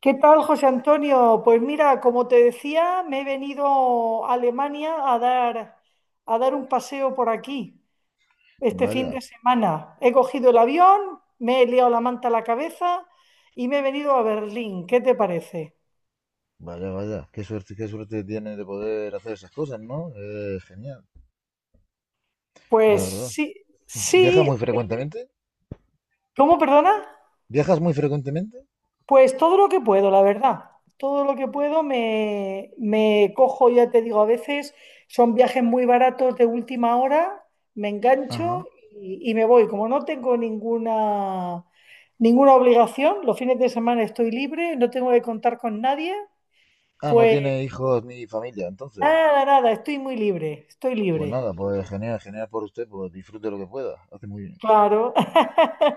¿Qué tal, José Antonio? Pues mira, como te decía, me he venido a Alemania a dar, un paseo por aquí este fin Vaya, de semana. He cogido el avión, me he liado la manta a la cabeza y me he venido a Berlín. ¿Qué te parece? vaya, vaya. Qué suerte tiene de poder hacer esas cosas, ¿no? Genial, la Pues verdad. sí, ¿Viajas sí, muy frecuentemente? ¿cómo, perdona? ¿Viajas muy frecuentemente? Pues todo lo que puedo, la verdad. Todo lo que puedo, me cojo, ya te digo, a veces son viajes muy baratos de última hora, me Ajá. engancho y me voy. Como no tengo ninguna, ninguna obligación, los fines de semana estoy libre, no tengo que contar con nadie, Ah, no pues tiene hijos ni familia, entonces. nada, nada, estoy muy libre, estoy Pues libre. nada, pues genial, genial por usted, pues disfrute lo que pueda. Hace muy bien. Claro.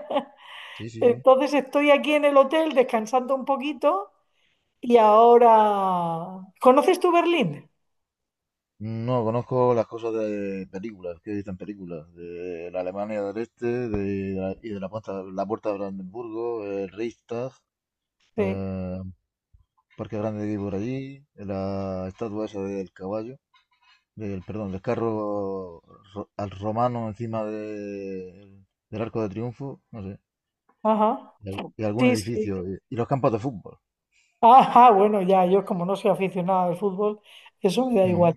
Sí, sí, sí. Entonces estoy aquí en el hotel descansando un poquito y ahora, ¿conoces tú Berlín? No, conozco las cosas de películas, que he visto en películas, de la Alemania del Este y de la puerta de Brandenburgo, el Reichstag, Sí. eh, Parque Grande que hay por allí, la estatua esa del caballo. Del, perdón, del carro al romano del Arco de Triunfo, no sé, Ajá, y, y algún sí, sí. edificio, y los campos de fútbol. Ajá, bueno, ya, yo como no soy aficionado al fútbol, eso me da igual. Ujú,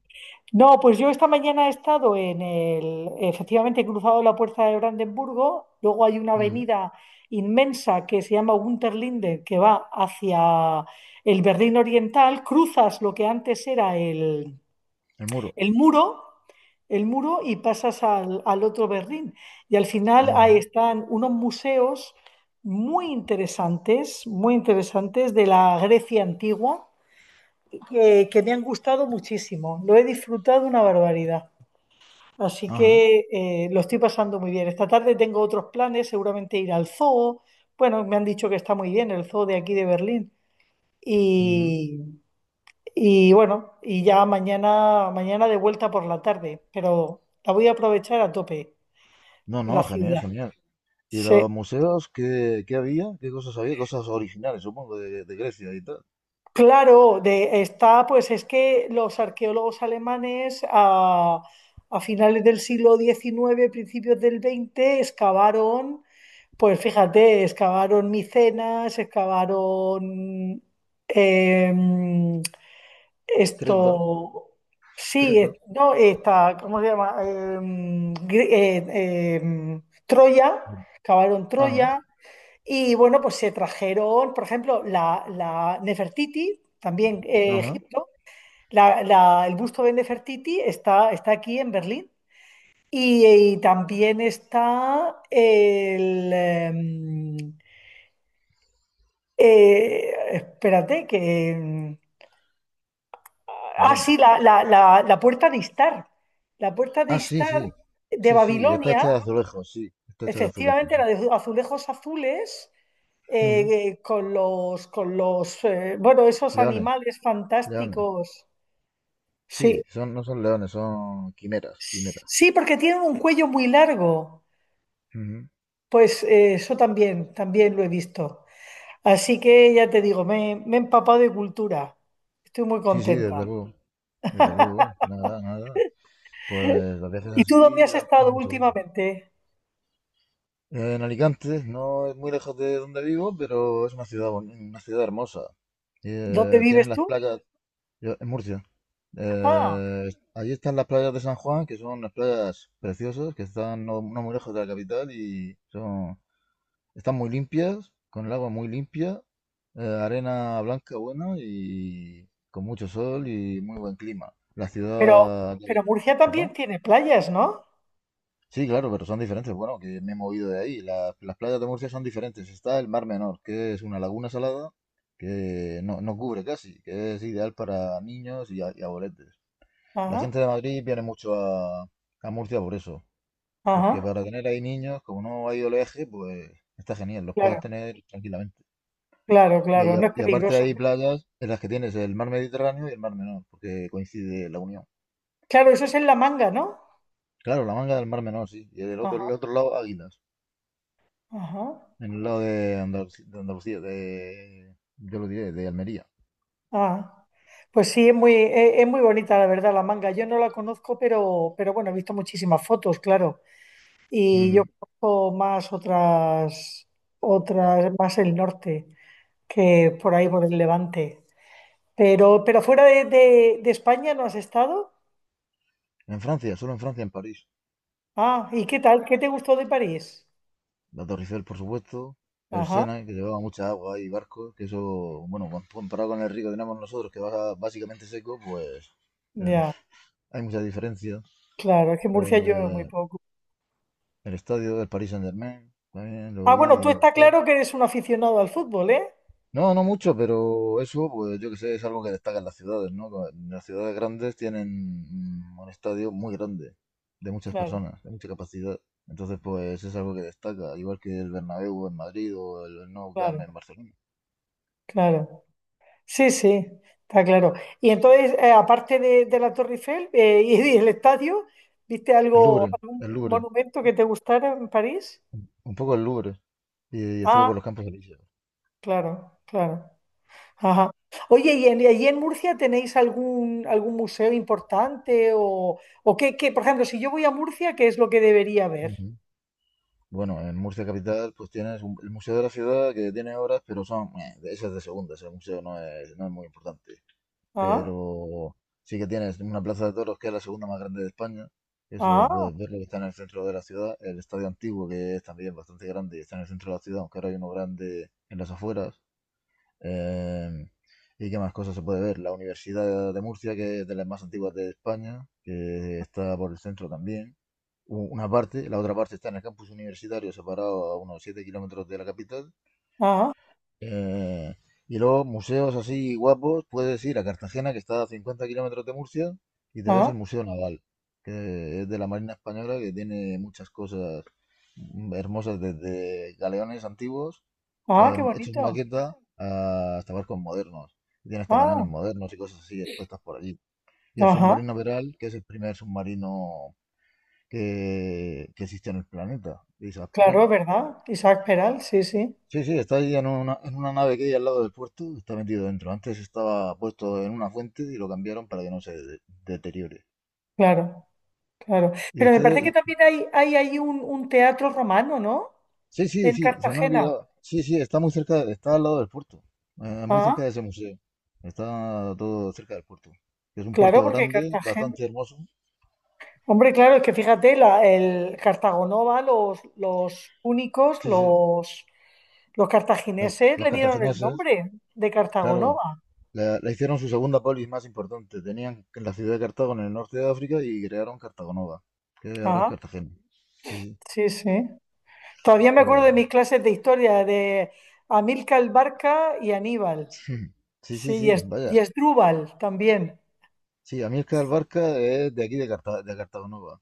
No, pues yo esta mañana he estado efectivamente he cruzado la puerta de Brandenburgo. Luego hay una ujú, avenida inmensa que se llama Unterlinde, que va hacia el Berlín Oriental. Cruzas lo que antes era el, el muro, el muro, el muro, y pasas al otro Berlín. Y al final ahí ajá, están unos museos muy interesantes, muy interesantes, de la Grecia antigua, que me han gustado muchísimo. Lo he disfrutado una barbaridad. Así ajá, que lo estoy pasando muy bien. Esta tarde tengo otros planes, seguramente ir al zoo. Bueno, me han dicho que está muy bien el zoo de aquí de Berlín. ujú. Y, y bueno, y ya mañana, mañana de vuelta por la tarde, pero la voy a aprovechar a tope, No, no, la genial, ciudad. genial. ¿Y Sí. los museos qué, qué había? ¿Qué cosas había? Cosas originales, supongo, de Grecia y tal. Claro, pues es que los arqueólogos alemanes a finales del siglo XIX, principios del XX, excavaron, pues fíjate, excavaron Micenas, excavaron em, Creta, Esto, sí, Creta. No, está, ¿cómo se llama? Troya, cavaron Ajá, Troya, y bueno, pues se trajeron, por ejemplo, la Nefertiti, también ajá. Egipto, el busto de Nefertiti está aquí en Berlín, y también está espérate, que... Ah, Bueno. sí, la puerta de Istar. La puerta de Ah, sí, Istar sí. de Sí, sí, está Babilonia, hecha de azulejos, sí. Está hecha de azulejos, efectivamente, la sí. de azulejos azules, Ujú. Con los, bueno, esos Leones, animales leones. fantásticos. Sí, Sí, son, no son leones, son quimeras, quimeras. sí, porque tienen un cuello muy largo. Ujú. Pues eso también, también lo he visto. Así que ya te digo, me he empapado de cultura. Estoy muy Sí, sí, contenta. Desde luego, nada, nada. Pues a veces ¿Y tú dónde así has da, da estado mucho gusto. últimamente? En Alicante, no es muy lejos de donde vivo, pero es una ciudad, una ciudad hermosa. ¿Dónde Tienen vives las tú? playas, en Murcia, Ah. eh, allí están las playas de San Juan, que son unas playas preciosas, que están no, no muy lejos de la capital y son. Están muy limpias, con el agua muy limpia, arena blanca buena y con mucho sol y muy buen clima. La Pero, ciudad pero de... Murcia ¿Perdón? también tiene playas, ¿no? Sí, claro, pero son diferentes. Bueno, que me he movido de ahí. Las playas de Murcia son diferentes. Está el Mar Menor, que es una laguna salada que no, no cubre casi, que es ideal para niños y, y abueletes. La Ajá, gente de Madrid viene mucho a Murcia por eso, porque ajá, para tener ahí niños, como no hay oleaje, pues está genial, los puedes claro, tener tranquilamente. claro, claro, Y no es y aparte peligroso. hay playas en las que tienes el mar Mediterráneo y el mar Menor, porque coincide la unión. Claro, eso es en La Manga, ¿no? Claro, la manga del mar Menor, sí. Y del otro, Ajá, el otro lado, Águilas. ajá, En el lado de Andalucía, de, Andalucía, de- yo lo diré, de Almería. ah. Pues sí, es muy bonita, la verdad, La Manga. Yo no la conozco, pero bueno, he visto muchísimas fotos, claro. Y yo Ujú. conozco más otras, más el norte, que por ahí, por el Levante. Pero fuera de España no has estado. En Francia, solo en Francia, en París. Ah, ¿y qué tal? ¿Qué te gustó de París? La Torre Eiffel, por supuesto. El Ajá. Sena, que llevaba mucha agua y barcos, que eso, bueno, comparado con el río que tenemos nosotros, que va básicamente seco, pues eh, Ya, hay muchas diferencias. claro, es que en Murcia llueve muy Eh, poco. el estadio del Paris Saint-Germain, también lo Ah, bueno, vi y tú me está gustó. claro que eres un aficionado al fútbol, ¿eh? No, no mucho, pero eso, pues yo que sé, es algo que destaca en las ciudades, ¿no? Las ciudades grandes tienen un estadio muy grande, de muchas Claro, personas, de mucha capacidad. Entonces, pues es algo que destaca, igual que el Bernabéu en Madrid o el Nou Camp en claro, Barcelona. claro. Sí, sí, está claro. Y entonces, aparte de la Torre Eiffel, y y el estadio, ¿viste algo, algún El Louvre, monumento que te gustara en París? un poco el Louvre. Y estuve Ah, por los Campos Elíseos. claro, claro. Ajá. Oye, ¿y allí en Murcia tenéis algún, museo importante o qué? Por ejemplo, si yo voy a Murcia, ¿qué es lo que debería ver? Ujú. Bueno, en Murcia capital, pues tienes el Museo de la Ciudad, que tiene obras, pero son, de esas de segunda, ese museo no es, no es muy importante. Ah, Pero sí que tienes una plaza de toros que es la segunda más grande de España. Eso ah, puedes verlo, que está en el centro de la ciudad. El estadio antiguo, que es también bastante grande y está en el centro de la ciudad, aunque ahora hay uno grande en las afueras. Eh, ¿Y qué más cosas se puede ver? La Universidad de Murcia, que es de las más antiguas de España, que está por el centro también. Una parte, la otra parte está en el campus universitario, separado a unos 7 kilómetros de la capital. ah, Eh, y luego, museos así guapos, puedes ir a Cartagena, que está a 50 kilómetros de Murcia, y te ves ah. el Museo Naval, que es de la Marina Española, que tiene muchas cosas hermosas, desde galeones antiguos, Ah, qué hechos bonito. maqueta, hasta barcos modernos. Tiene hasta Ah, cañones modernos y cosas así expuestas por allí. Y el ajá, submarino Peral, que es el primer submarino que existe en el planeta. Y dices: "Pero, claro, ¿verdad? Isaac Peral, sí, sí, sí, sí, está ahí en una nave que hay al lado del puerto, está metido dentro. Antes estaba puesto en una fuente y lo cambiaron para que no se deteriore. claro, claro. Y Pero me parece ustedes, que y- también hay ahí un teatro romano, ¿no? sí, sí, En sí, se me ha Cartagena. olvidado. Sí, sí, está muy cerca, está al lado del puerto, muy Ah, cerca de ese museo. Está todo cerca del puerto. Es un claro, puerto porque grande, Cartagena. bastante hermoso. Hombre, claro, es que fíjate, el Cartagonova, los púnicos, Sí, sí, los cartagineses los le dieron el cartagineses, nombre de claro, Cartagonova. la hicieron su segunda polis más importante. Tenían la ciudad de Cartago en el norte de África y crearon Cartago Nova, que ahora es Ah, Cartagena. Sí, sí. sí, sí. Todavía me acuerdo Pues de mis clases de historia de Amílcar Barca y Aníbal. sí, sí, Sí, sí, y vaya. Esdrúbal también. Sí, a mí el Carl Barca es de aquí de, de Cartagonova.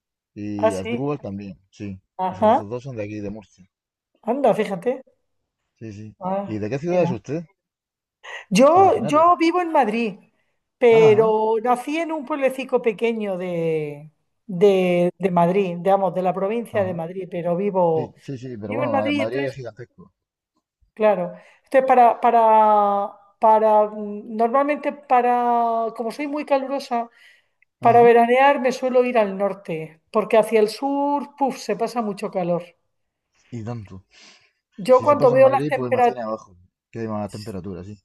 Ah, Y sí. Asdrúbal también, sí. Esos, Ajá. esos dos son de aquí, de Murcia. Anda, fíjate. Sí, sí. ¿Y Ah, de qué ciudad mira. es usted? Yo, Originario. yo vivo en Madrid, Ajá, pero nací en un pueblecico pequeño de, de Madrid, digamos, de la provincia de ajá. Madrid, pero Sí, vivo, sí, sí, pero en bueno, Madrid, Madrid entonces, es gigantesco. claro. Entonces, normalmente, para, como soy muy calurosa, para Ajá. veranear me suelo ir al norte, porque hacia el sur, puf, se pasa mucho calor. Y tanto. Yo Si se cuando pasa en veo las Madrid, pues temperaturas, imagina abajo, que hay más temperatura, sí.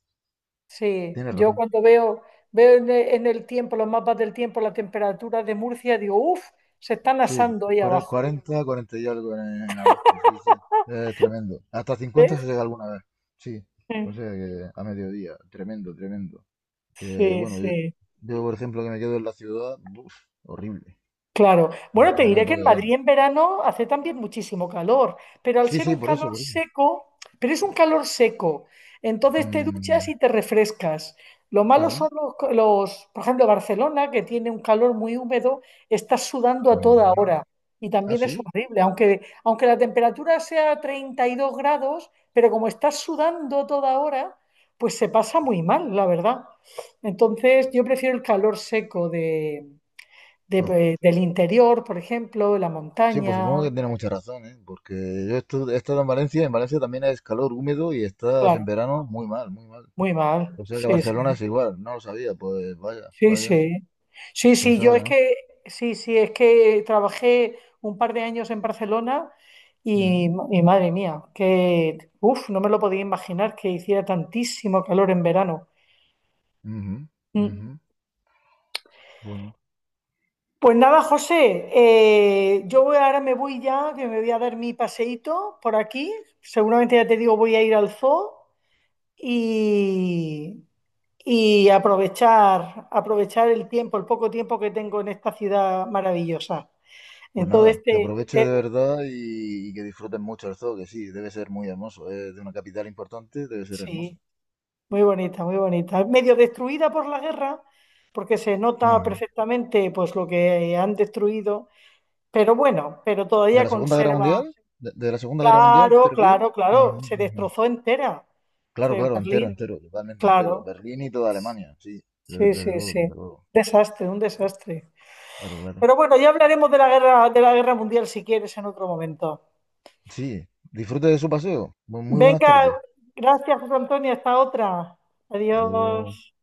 sí, Tienes yo razón. cuando veo en el tiempo, los mapas del tiempo, la temperatura de Murcia, digo, uff, se están Sí, asando ahí abajo. 40 40 y algo en agosto, sí, sí. Es tremendo. Hasta 50 ¿Ves? se llega alguna vez. Sí. O sea que a mediodía, tremendo, tremendo. Que Sí, bueno, yo, sí. yo, por ejemplo, que me quedo en la ciudad, uf, horrible, Claro. Bueno, te cuando diré me que en toca Madrid quedarme. en verano hace también muchísimo calor, pero al Sí, ser sí, un por calor eso, por eso. seco, pero es un calor seco, entonces te duchas Mm, y te refrescas. Lo ¿ah, malo sí? son por ejemplo, Barcelona, que tiene un calor muy húmedo, estás sudando a toda hora Mm, y ¿ah, también es sí? horrible, aunque la temperatura sea 32 grados, pero como estás sudando toda hora, pues se pasa muy mal, la verdad. Entonces, yo prefiero el calor seco Pues, del interior, por ejemplo, de la sí, pues supongo montaña. que tiene mucha razón, ¿eh? Porque yo he estado en Valencia, y en Valencia también es calor húmedo y estás en Claro, verano muy mal, muy mal. muy mal. O sea que Sí, Barcelona sí, es igual, no lo sabía, pues vaya, sí, vaya, sí. Sí, sí, pensaba yo que es no. que, sí, sí, es que trabajé un par de años en Barcelona y, Ujú, y madre mía, que, uff, no me lo podía imaginar que hiciera tantísimo calor en verano. ujú, ujú. Mm. Bueno. Pues nada, José, ahora me voy ya, que me voy a dar mi paseíto por aquí. Seguramente ya te digo, voy a ir al zoo y y aprovechar, el tiempo, el poco tiempo que tengo en esta ciudad maravillosa. Pues Entonces, nada, que aproveche de verdad y que disfruten mucho el zoo, que sí, debe ser muy hermoso. Es de una capital importante, debe ser hermoso. sí, muy bonita, muy bonita. Medio destruida por la guerra, porque se nota Ajá. perfectamente pues lo que han destruido, pero bueno, pero ¿De todavía la Segunda Guerra conserva. Mundial? De la Segunda Guerra Mundial te Claro, refieres? claro, Ajá, claro, se ujú. destrozó entera. Sí, Claro, claro, entero, Berlín, entero, totalmente entero. claro. Berlín y toda Alemania, sí. Desde, Sí, sí, desde luego, sí. desde luego. Desastre, un desastre. Claro, claro. Pero bueno, ya hablaremos de la guerra mundial, si quieres, en otro momento. Sí, disfrute de su paseo. Muy buenas Venga, tardes. gracias, José Antonio. Hasta otra. Hasta luego. Adiós.